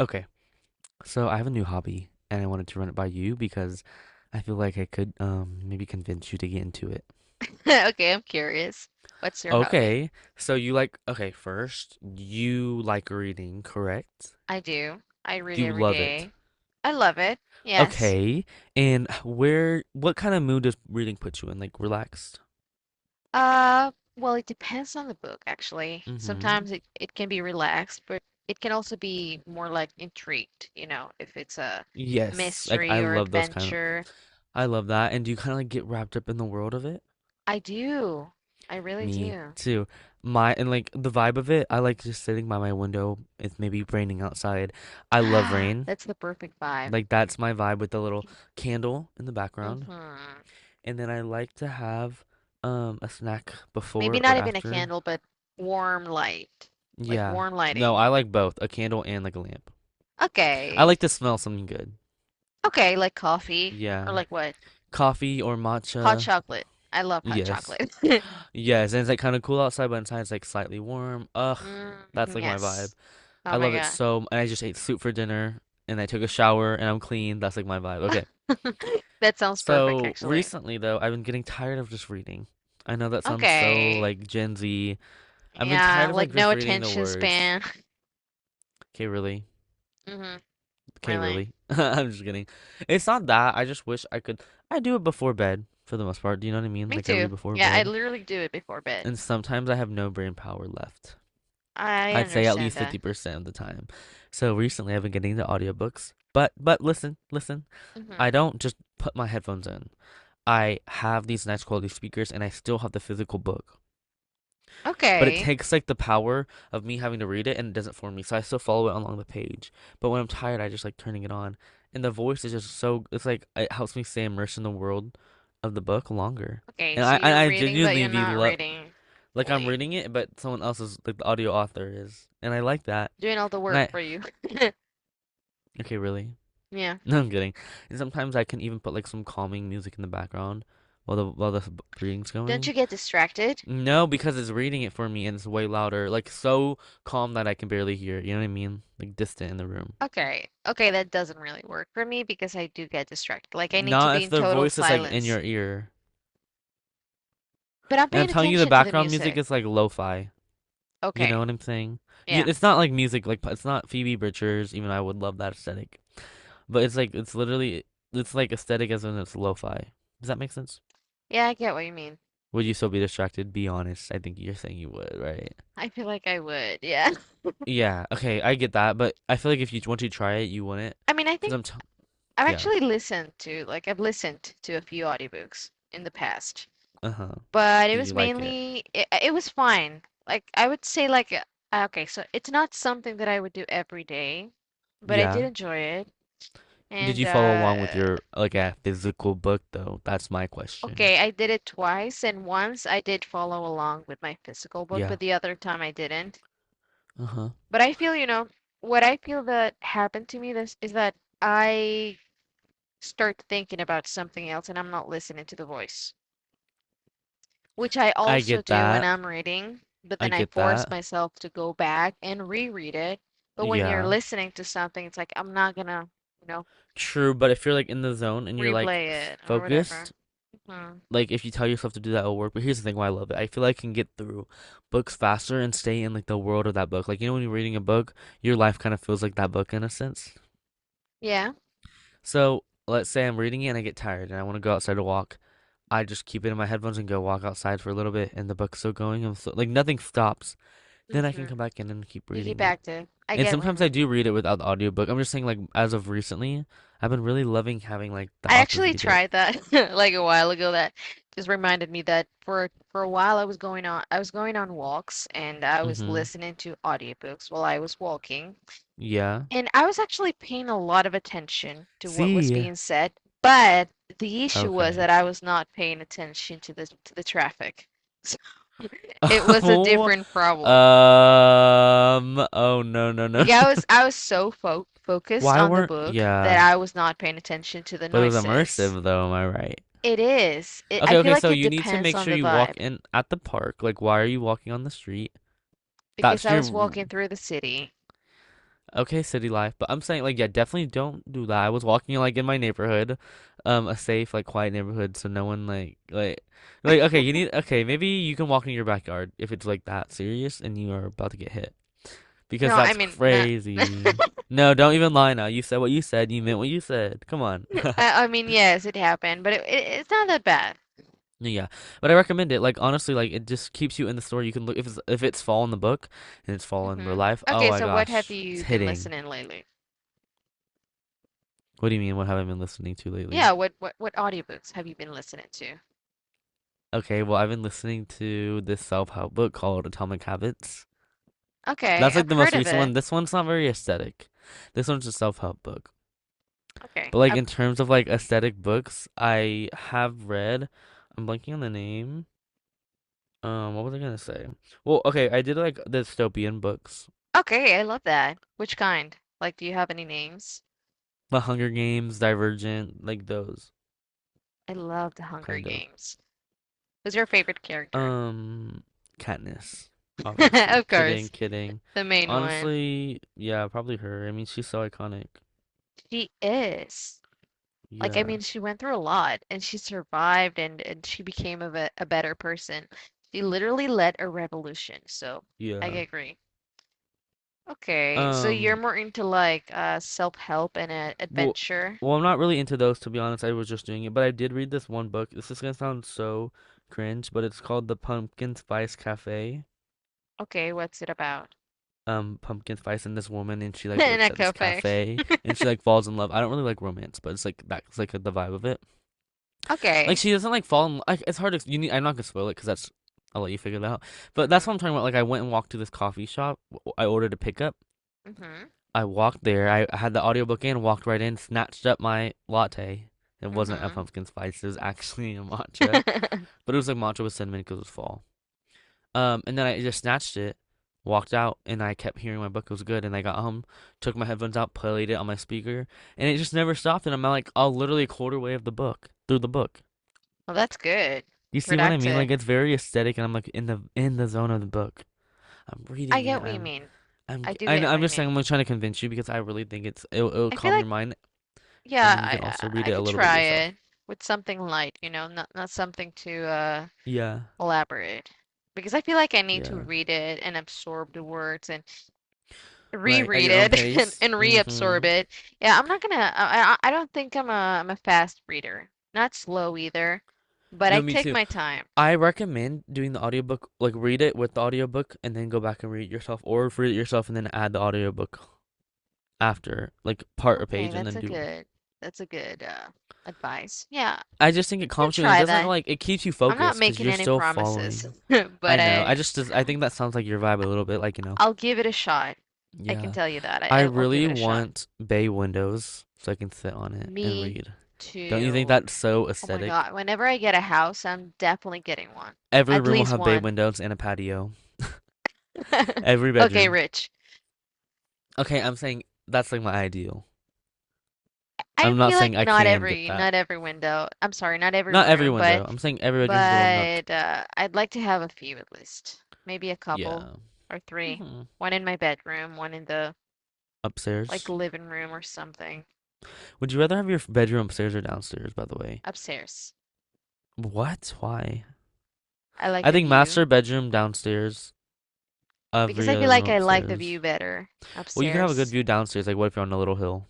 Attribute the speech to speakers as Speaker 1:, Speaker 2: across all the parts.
Speaker 1: Okay, so I have a new hobby and I wanted to run it by you because I feel like I could maybe convince you to get into it.
Speaker 2: Okay, I'm curious. What's your hobby?
Speaker 1: Okay, first, you like reading, correct?
Speaker 2: I do. I read
Speaker 1: Do you
Speaker 2: every
Speaker 1: love it?
Speaker 2: day. I love it. Yes.
Speaker 1: Okay, and where what kind of mood does reading put you in? Like relaxed?
Speaker 2: Uh, well, it depends on the book, actually.
Speaker 1: Mm-hmm.
Speaker 2: Sometimes it can be relaxed, but it can also be more like intrigued, you know, if it's a
Speaker 1: Yes, like
Speaker 2: mystery
Speaker 1: I
Speaker 2: or
Speaker 1: love those kind of.
Speaker 2: adventure.
Speaker 1: I love that. And do you kind of like get wrapped up in the world of it?
Speaker 2: I do. I really
Speaker 1: Me
Speaker 2: do.
Speaker 1: too. My and like the vibe of it, I like just sitting by my window. It's maybe raining outside. I love rain.
Speaker 2: That's the perfect vibe.
Speaker 1: Like that's my vibe with the little candle in the background.
Speaker 2: Mm-hmm.
Speaker 1: And then I like to have a snack
Speaker 2: Maybe
Speaker 1: before
Speaker 2: not
Speaker 1: or
Speaker 2: even a
Speaker 1: after.
Speaker 2: candle, but warm light, like
Speaker 1: Yeah.
Speaker 2: warm
Speaker 1: No,
Speaker 2: lighting.
Speaker 1: I like both, a candle and like a lamp. I
Speaker 2: Okay.
Speaker 1: like to smell something good.
Speaker 2: Okay, like coffee or
Speaker 1: Yeah.
Speaker 2: like what?
Speaker 1: Coffee or
Speaker 2: Hot
Speaker 1: matcha.
Speaker 2: chocolate. I love hot
Speaker 1: Yes.
Speaker 2: chocolate.
Speaker 1: Yes, and it's like kind of cool outside, but inside it's like slightly warm. Ugh, that's
Speaker 2: Mm,
Speaker 1: like my vibe.
Speaker 2: yes. Oh
Speaker 1: I
Speaker 2: my
Speaker 1: love it
Speaker 2: God.
Speaker 1: so. And I just ate soup for dinner, and I took a shower, and I'm clean. That's like my vibe. Okay.
Speaker 2: That sounds perfect,
Speaker 1: So
Speaker 2: actually.
Speaker 1: recently, though, I've been getting tired of just reading. I know that sounds so
Speaker 2: Okay.
Speaker 1: like Gen Z. I've been
Speaker 2: Yeah,
Speaker 1: tired of
Speaker 2: like
Speaker 1: like
Speaker 2: no
Speaker 1: just reading the
Speaker 2: attention
Speaker 1: words.
Speaker 2: span.
Speaker 1: Okay, really?
Speaker 2: hmm
Speaker 1: Okay,
Speaker 2: Really.
Speaker 1: really? I'm just kidding. It's not that. I just wish I could. I do it before bed for the most part. Do you know what I mean?
Speaker 2: Me
Speaker 1: Like I
Speaker 2: too.
Speaker 1: read before
Speaker 2: Yeah, I
Speaker 1: bed,
Speaker 2: literally do it before bed.
Speaker 1: and sometimes I have no brain power left.
Speaker 2: I
Speaker 1: I'd say at
Speaker 2: understand
Speaker 1: least
Speaker 2: that.
Speaker 1: 50% of the time. So recently I've been getting the audiobooks. But listen, listen. I
Speaker 2: Hmm
Speaker 1: don't just put my headphones in. I have these nice quality speakers and I still have the physical book. But it
Speaker 2: Okay.
Speaker 1: takes like the power of me having to read it and it doesn't for me. So I still follow it along the page. But when I'm tired, I just like turning it on. And the voice is just so, it's like it helps me stay immersed in the world of the book longer.
Speaker 2: Okay,
Speaker 1: And
Speaker 2: so
Speaker 1: I and
Speaker 2: you're
Speaker 1: I
Speaker 2: reading, but
Speaker 1: genuinely
Speaker 2: you're
Speaker 1: be
Speaker 2: not reading
Speaker 1: like I'm
Speaker 2: fully.
Speaker 1: reading it, but someone else is like the audio author is. And I like that.
Speaker 2: Doing all the
Speaker 1: And
Speaker 2: work
Speaker 1: I,
Speaker 2: for you.
Speaker 1: okay, really.
Speaker 2: Yeah.
Speaker 1: No, I'm kidding. And sometimes I can even put like some calming music in the background while the reading's
Speaker 2: Don't you
Speaker 1: going.
Speaker 2: get distracted?
Speaker 1: No, because it's reading it for me and it's way louder, like so calm that I can barely hear it. You know what I mean? Like distant in the room.
Speaker 2: Okay. Okay, that doesn't really work for me because I do get distracted. Like I need to
Speaker 1: Not
Speaker 2: be
Speaker 1: if
Speaker 2: in
Speaker 1: the
Speaker 2: total
Speaker 1: voice is like in
Speaker 2: silence.
Speaker 1: your ear.
Speaker 2: But I'm
Speaker 1: And I'm
Speaker 2: paying
Speaker 1: telling you, the
Speaker 2: attention to the
Speaker 1: background music
Speaker 2: music.
Speaker 1: is like lo-fi. You know
Speaker 2: Okay.
Speaker 1: what I'm saying?
Speaker 2: Yeah.
Speaker 1: It's not like music, like it's not Phoebe Bridgers. Even though I would love that aesthetic, but it's like, it's literally, it's like aesthetic as in it's lo-fi. Does that make sense?
Speaker 2: Yeah, I get what you mean.
Speaker 1: Would you still be distracted? Be honest. I think you're saying you would, right?
Speaker 2: I feel like I would. Yeah.
Speaker 1: Yeah. Okay, I get that, but I feel like if you once you try it, you wouldn't.
Speaker 2: I mean, I
Speaker 1: Cause
Speaker 2: think
Speaker 1: I'm t-
Speaker 2: I've
Speaker 1: yeah.
Speaker 2: actually listened to like I've listened to a few audiobooks in the past,
Speaker 1: Uh huh.
Speaker 2: but it
Speaker 1: Did
Speaker 2: was
Speaker 1: you like it?
Speaker 2: mainly it was fine. Like I would say okay, so it's not something that I would do every day, but I did
Speaker 1: Yeah.
Speaker 2: enjoy it.
Speaker 1: Did
Speaker 2: And
Speaker 1: you follow along with
Speaker 2: uh
Speaker 1: your like a physical book though? That's my question.
Speaker 2: Okay, I did it twice, and once I did follow along with my physical book,
Speaker 1: Yeah.
Speaker 2: but the other time I didn't.
Speaker 1: Uh huh.
Speaker 2: But I feel, you know, what I feel that happened to me this is that I start thinking about something else and I'm not listening to the voice, which I
Speaker 1: I
Speaker 2: also
Speaker 1: get
Speaker 2: do when
Speaker 1: that.
Speaker 2: I'm reading, but
Speaker 1: I
Speaker 2: then I
Speaker 1: get
Speaker 2: force
Speaker 1: that.
Speaker 2: myself to go back and reread it. But when you're
Speaker 1: Yeah.
Speaker 2: listening to something, it's like I'm not gonna, you know,
Speaker 1: True, but if you're like in the zone and you're like
Speaker 2: replay it or whatever.
Speaker 1: focused,
Speaker 2: Hmm
Speaker 1: like if you tell yourself to do that, it'll work. But here's the thing why I love it. I feel like I can get through books faster and stay in like the world of that book. Like you know when you're reading a book, your life kind of feels like that book in a sense.
Speaker 2: Yeah.
Speaker 1: So let's say I'm reading it and I get tired and I want to go outside to walk. I just keep it in my headphones and go walk outside for a little bit, and the book's still going. I'm still, like nothing stops. Then I can
Speaker 2: hmm
Speaker 1: come back in and keep
Speaker 2: You
Speaker 1: reading
Speaker 2: keep
Speaker 1: it.
Speaker 2: active. I
Speaker 1: And
Speaker 2: get what you
Speaker 1: sometimes I
Speaker 2: mean.
Speaker 1: do read it without the audiobook. I'm just saying, like as of recently, I've been really loving having like the
Speaker 2: I
Speaker 1: author
Speaker 2: actually
Speaker 1: read it.
Speaker 2: tried that like a while ago. That just reminded me that for a while I was going on walks and I was
Speaker 1: Mm-hmm.
Speaker 2: listening to audiobooks while I was walking.
Speaker 1: Yeah.
Speaker 2: And I was actually paying a lot of attention to what was
Speaker 1: See.
Speaker 2: being said, but the issue was that
Speaker 1: Okay.
Speaker 2: I was not paying attention to the traffic. So it was a
Speaker 1: Oh,
Speaker 2: different problem.
Speaker 1: oh no, no, no.
Speaker 2: Like I was so fo focused
Speaker 1: Why
Speaker 2: on the
Speaker 1: weren't,
Speaker 2: book that
Speaker 1: yeah,
Speaker 2: I was not paying attention to the
Speaker 1: but it was
Speaker 2: noises.
Speaker 1: immersive though, am I right?
Speaker 2: It is. I
Speaker 1: Okay,
Speaker 2: feel
Speaker 1: okay,
Speaker 2: like
Speaker 1: so
Speaker 2: it
Speaker 1: you need to
Speaker 2: depends
Speaker 1: make
Speaker 2: on
Speaker 1: sure
Speaker 2: the
Speaker 1: you walk
Speaker 2: vibe
Speaker 1: in at the park. Like, why are you walking on the street?
Speaker 2: because
Speaker 1: That's
Speaker 2: I was
Speaker 1: your,
Speaker 2: walking through the city.
Speaker 1: okay, city life. But I'm saying, like, yeah, definitely don't do that. I was walking, like, in my neighborhood, a safe, like, quiet neighborhood, so no one, like, okay, you need, okay, maybe you can walk in your backyard if it's, like, that serious and you are about to get hit. Because
Speaker 2: No, I
Speaker 1: that's
Speaker 2: mean not.
Speaker 1: crazy. No, don't even lie now. You said what you said. You meant what you said. Come on.
Speaker 2: I mean yes, it happened, but it's not that bad.
Speaker 1: Yeah, but I recommend it. Like honestly, like it just keeps you in the story. You can look if it's fall in the book and it's fall in real
Speaker 2: Hmm
Speaker 1: life. Oh
Speaker 2: Okay,
Speaker 1: my
Speaker 2: so what have
Speaker 1: gosh, it's
Speaker 2: you been
Speaker 1: hitting.
Speaker 2: listening lately?
Speaker 1: What do you mean? What have I been listening to
Speaker 2: Yeah,
Speaker 1: lately?
Speaker 2: what audiobooks have you been listening to?
Speaker 1: Okay, well I've been listening to this self help book called Atomic Habits. That's
Speaker 2: Okay,
Speaker 1: like
Speaker 2: I've
Speaker 1: the
Speaker 2: heard
Speaker 1: most
Speaker 2: of
Speaker 1: recent
Speaker 2: it.
Speaker 1: one. This one's not very aesthetic. This one's a self help book.
Speaker 2: Okay,
Speaker 1: But like
Speaker 2: I've,
Speaker 1: in terms of like aesthetic books, I have read. I'm blanking on the name. What was I gonna say? Well, okay, I did like dystopian books,
Speaker 2: okay, I love that. Which kind? Like, do you have any names?
Speaker 1: The Hunger Games, Divergent, like those
Speaker 2: I love The Hunger
Speaker 1: kind of.
Speaker 2: Games. Who's your favorite character?
Speaker 1: Um, Katniss, obviously.
Speaker 2: Of
Speaker 1: Kidding,
Speaker 2: course,
Speaker 1: kidding.
Speaker 2: the main one.
Speaker 1: Honestly, yeah, probably her. I mean, she's so iconic.
Speaker 2: She is. Like, I
Speaker 1: Yeah,
Speaker 2: mean, she went through a lot and she survived and she became a better person. She literally led a revolution. So I
Speaker 1: yeah.
Speaker 2: agree. Okay, so you're
Speaker 1: Um,
Speaker 2: more into like self-help and
Speaker 1: well,
Speaker 2: adventure.
Speaker 1: well, I'm not really into those to be honest. I was just doing it, but I did read this one book. This is gonna sound so cringe, but it's called The Pumpkin Spice Cafe.
Speaker 2: Okay, what's it about?
Speaker 1: Pumpkin spice, and this woman, and she like
Speaker 2: And a
Speaker 1: works at this
Speaker 2: cafe.
Speaker 1: cafe and she like falls in love. I don't really like romance, but it's like that's like the vibe of it. Like
Speaker 2: Okay.
Speaker 1: she doesn't like fall in, like it's hard to, you need, I'm not gonna spoil it, because that's, I'll let you figure it out. But that's what
Speaker 2: Mhm.
Speaker 1: I'm talking about, like I went and walked to this coffee shop. I ordered a pickup.
Speaker 2: Mhm.
Speaker 1: I walked there. I had the audiobook in, walked right in, snatched up my latte. It wasn't a
Speaker 2: Mhm.
Speaker 1: pumpkin spice, it was actually a matcha. But it was like matcha with cinnamon because it was fall. And then I just snatched it, walked out, and I kept hearing my book was good. And I got home, took my headphones out, played it on my speaker, and it just never stopped. And I'm like, all literally a quarter way of the book through the book.
Speaker 2: Well, that's good.
Speaker 1: You see what I mean?
Speaker 2: Productive.
Speaker 1: Like it's very aesthetic, and I'm like in the zone of the book. I'm
Speaker 2: I
Speaker 1: reading it.
Speaker 2: get what you
Speaker 1: I'm
Speaker 2: mean. I do
Speaker 1: I know,
Speaker 2: get
Speaker 1: I'm
Speaker 2: what you
Speaker 1: just saying
Speaker 2: mean.
Speaker 1: I'm like trying to convince you because I really think it'll
Speaker 2: I feel
Speaker 1: calm your
Speaker 2: like
Speaker 1: mind, and
Speaker 2: yeah,
Speaker 1: then you can also read
Speaker 2: I
Speaker 1: it a
Speaker 2: could
Speaker 1: little bit
Speaker 2: try
Speaker 1: yourself.
Speaker 2: it with something light, you know, not something too
Speaker 1: Yeah,
Speaker 2: elaborate. Because I feel like I need to
Speaker 1: yeah,
Speaker 2: read it and absorb the words and
Speaker 1: right at
Speaker 2: reread
Speaker 1: your own
Speaker 2: it and,
Speaker 1: pace.
Speaker 2: and reabsorb
Speaker 1: Mm-hmm.
Speaker 2: it. Yeah, I don't think I'm a fast reader. Not slow either, but I
Speaker 1: No, me
Speaker 2: take
Speaker 1: too.
Speaker 2: my time.
Speaker 1: I recommend doing the audiobook, like read it with the audiobook and then go back and read it yourself, or read it yourself and then add the audiobook after, like part a
Speaker 2: Okay,
Speaker 1: page and
Speaker 2: that's
Speaker 1: then
Speaker 2: a
Speaker 1: do them.
Speaker 2: good that's a good uh advice. Yeah,
Speaker 1: I
Speaker 2: I
Speaker 1: just think it
Speaker 2: can
Speaker 1: calms you and it
Speaker 2: try
Speaker 1: doesn't
Speaker 2: that.
Speaker 1: like it keeps you
Speaker 2: I'm not
Speaker 1: focused because
Speaker 2: making
Speaker 1: you're
Speaker 2: any
Speaker 1: still
Speaker 2: promises,
Speaker 1: following. I
Speaker 2: but
Speaker 1: know. I just I think that sounds like your vibe a little bit, like you know.
Speaker 2: I'll give it a shot. I can
Speaker 1: Yeah,
Speaker 2: tell you that.
Speaker 1: I
Speaker 2: I'll
Speaker 1: really
Speaker 2: give it a shot.
Speaker 1: want bay windows so I can sit on it and
Speaker 2: Me
Speaker 1: read. Don't you think
Speaker 2: too.
Speaker 1: that's so
Speaker 2: Oh my
Speaker 1: aesthetic?
Speaker 2: God. Whenever I get a house, I'm definitely getting one.
Speaker 1: Every
Speaker 2: At
Speaker 1: room will
Speaker 2: least
Speaker 1: have bay
Speaker 2: one.
Speaker 1: windows and a patio. Every
Speaker 2: Okay,
Speaker 1: bedroom.
Speaker 2: Rich.
Speaker 1: Okay, I'm saying that's like my ideal.
Speaker 2: I
Speaker 1: I'm not
Speaker 2: feel like
Speaker 1: saying I can get that.
Speaker 2: not every window. I'm sorry, not every
Speaker 1: Not every
Speaker 2: room, but
Speaker 1: window. I'm saying every bedroom have a little nook.
Speaker 2: I'd like to have a few at least. Maybe a couple
Speaker 1: Yeah.
Speaker 2: or three.
Speaker 1: Hmm.
Speaker 2: One in my bedroom, one in the like
Speaker 1: Upstairs.
Speaker 2: living room or something
Speaker 1: Would you rather have your bedroom upstairs or downstairs? By the way,
Speaker 2: upstairs.
Speaker 1: what? Why?
Speaker 2: I like
Speaker 1: I
Speaker 2: the
Speaker 1: think
Speaker 2: view
Speaker 1: master bedroom downstairs.
Speaker 2: because
Speaker 1: Every
Speaker 2: I feel
Speaker 1: other room
Speaker 2: like I like the view
Speaker 1: upstairs.
Speaker 2: better
Speaker 1: Well, you can have a good
Speaker 2: upstairs.
Speaker 1: view downstairs. Like, what if you're on a little hill?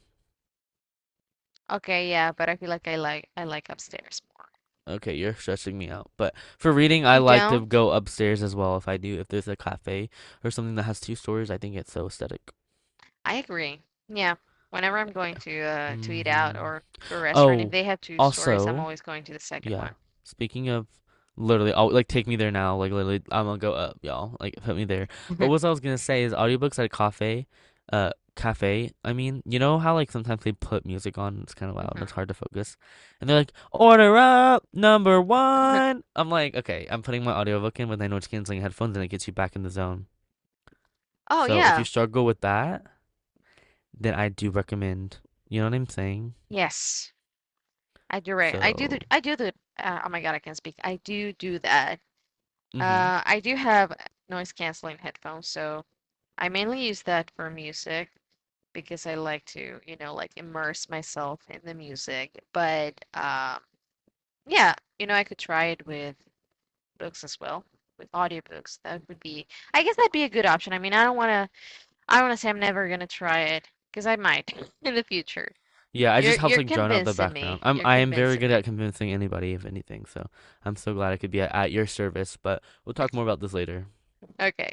Speaker 2: Okay, yeah, but I feel like I like upstairs more.
Speaker 1: Okay, you're stressing me out. But for reading, I
Speaker 2: You
Speaker 1: like to
Speaker 2: don't?
Speaker 1: go upstairs as well. If I do, if there's a cafe or something that has two stories, I think it's so aesthetic.
Speaker 2: I agree. Yeah. Whenever I'm going to eat out
Speaker 1: Hmm.
Speaker 2: or to a restaurant, if
Speaker 1: Oh,
Speaker 2: they have two stories, I'm
Speaker 1: also,
Speaker 2: always going to the second
Speaker 1: yeah.
Speaker 2: one.
Speaker 1: Speaking of literally, oh, like take me there now. Like literally, I'm gonna go up, y'all. Like put me there. But what I was gonna say is audiobooks at a cafe. I mean, you know how like sometimes they put music on. It's kind of loud, and
Speaker 2: Mhm.
Speaker 1: it's hard to focus. And they're like, "Order up, number one." I'm like, okay, I'm putting my audiobook in with I know it's canceling headphones, and it gets you back in the zone.
Speaker 2: Oh
Speaker 1: So if you
Speaker 2: yeah.
Speaker 1: struggle with that, then I do recommend. You know what I'm saying?
Speaker 2: Yes. I do right.
Speaker 1: So,
Speaker 2: I do the oh my God, I can't speak. I do do that.
Speaker 1: mm-hmm.
Speaker 2: Uh, I do have noise canceling headphones, so I mainly use that for music because I like to, you know, like immerse myself in the music. But yeah, you know, I could try it with books as well with audiobooks. That would be I guess that'd be a good option. I mean, I don't want to say I'm never going to try it because I might in the future.
Speaker 1: Yeah, I just helped
Speaker 2: You're
Speaker 1: like drown out the
Speaker 2: convincing
Speaker 1: background.
Speaker 2: me.
Speaker 1: I'm
Speaker 2: You're
Speaker 1: I am very
Speaker 2: convincing
Speaker 1: good
Speaker 2: me.
Speaker 1: at convincing anybody of anything, so I'm so glad I could be at your service. But we'll talk more about this later.
Speaker 2: Okay.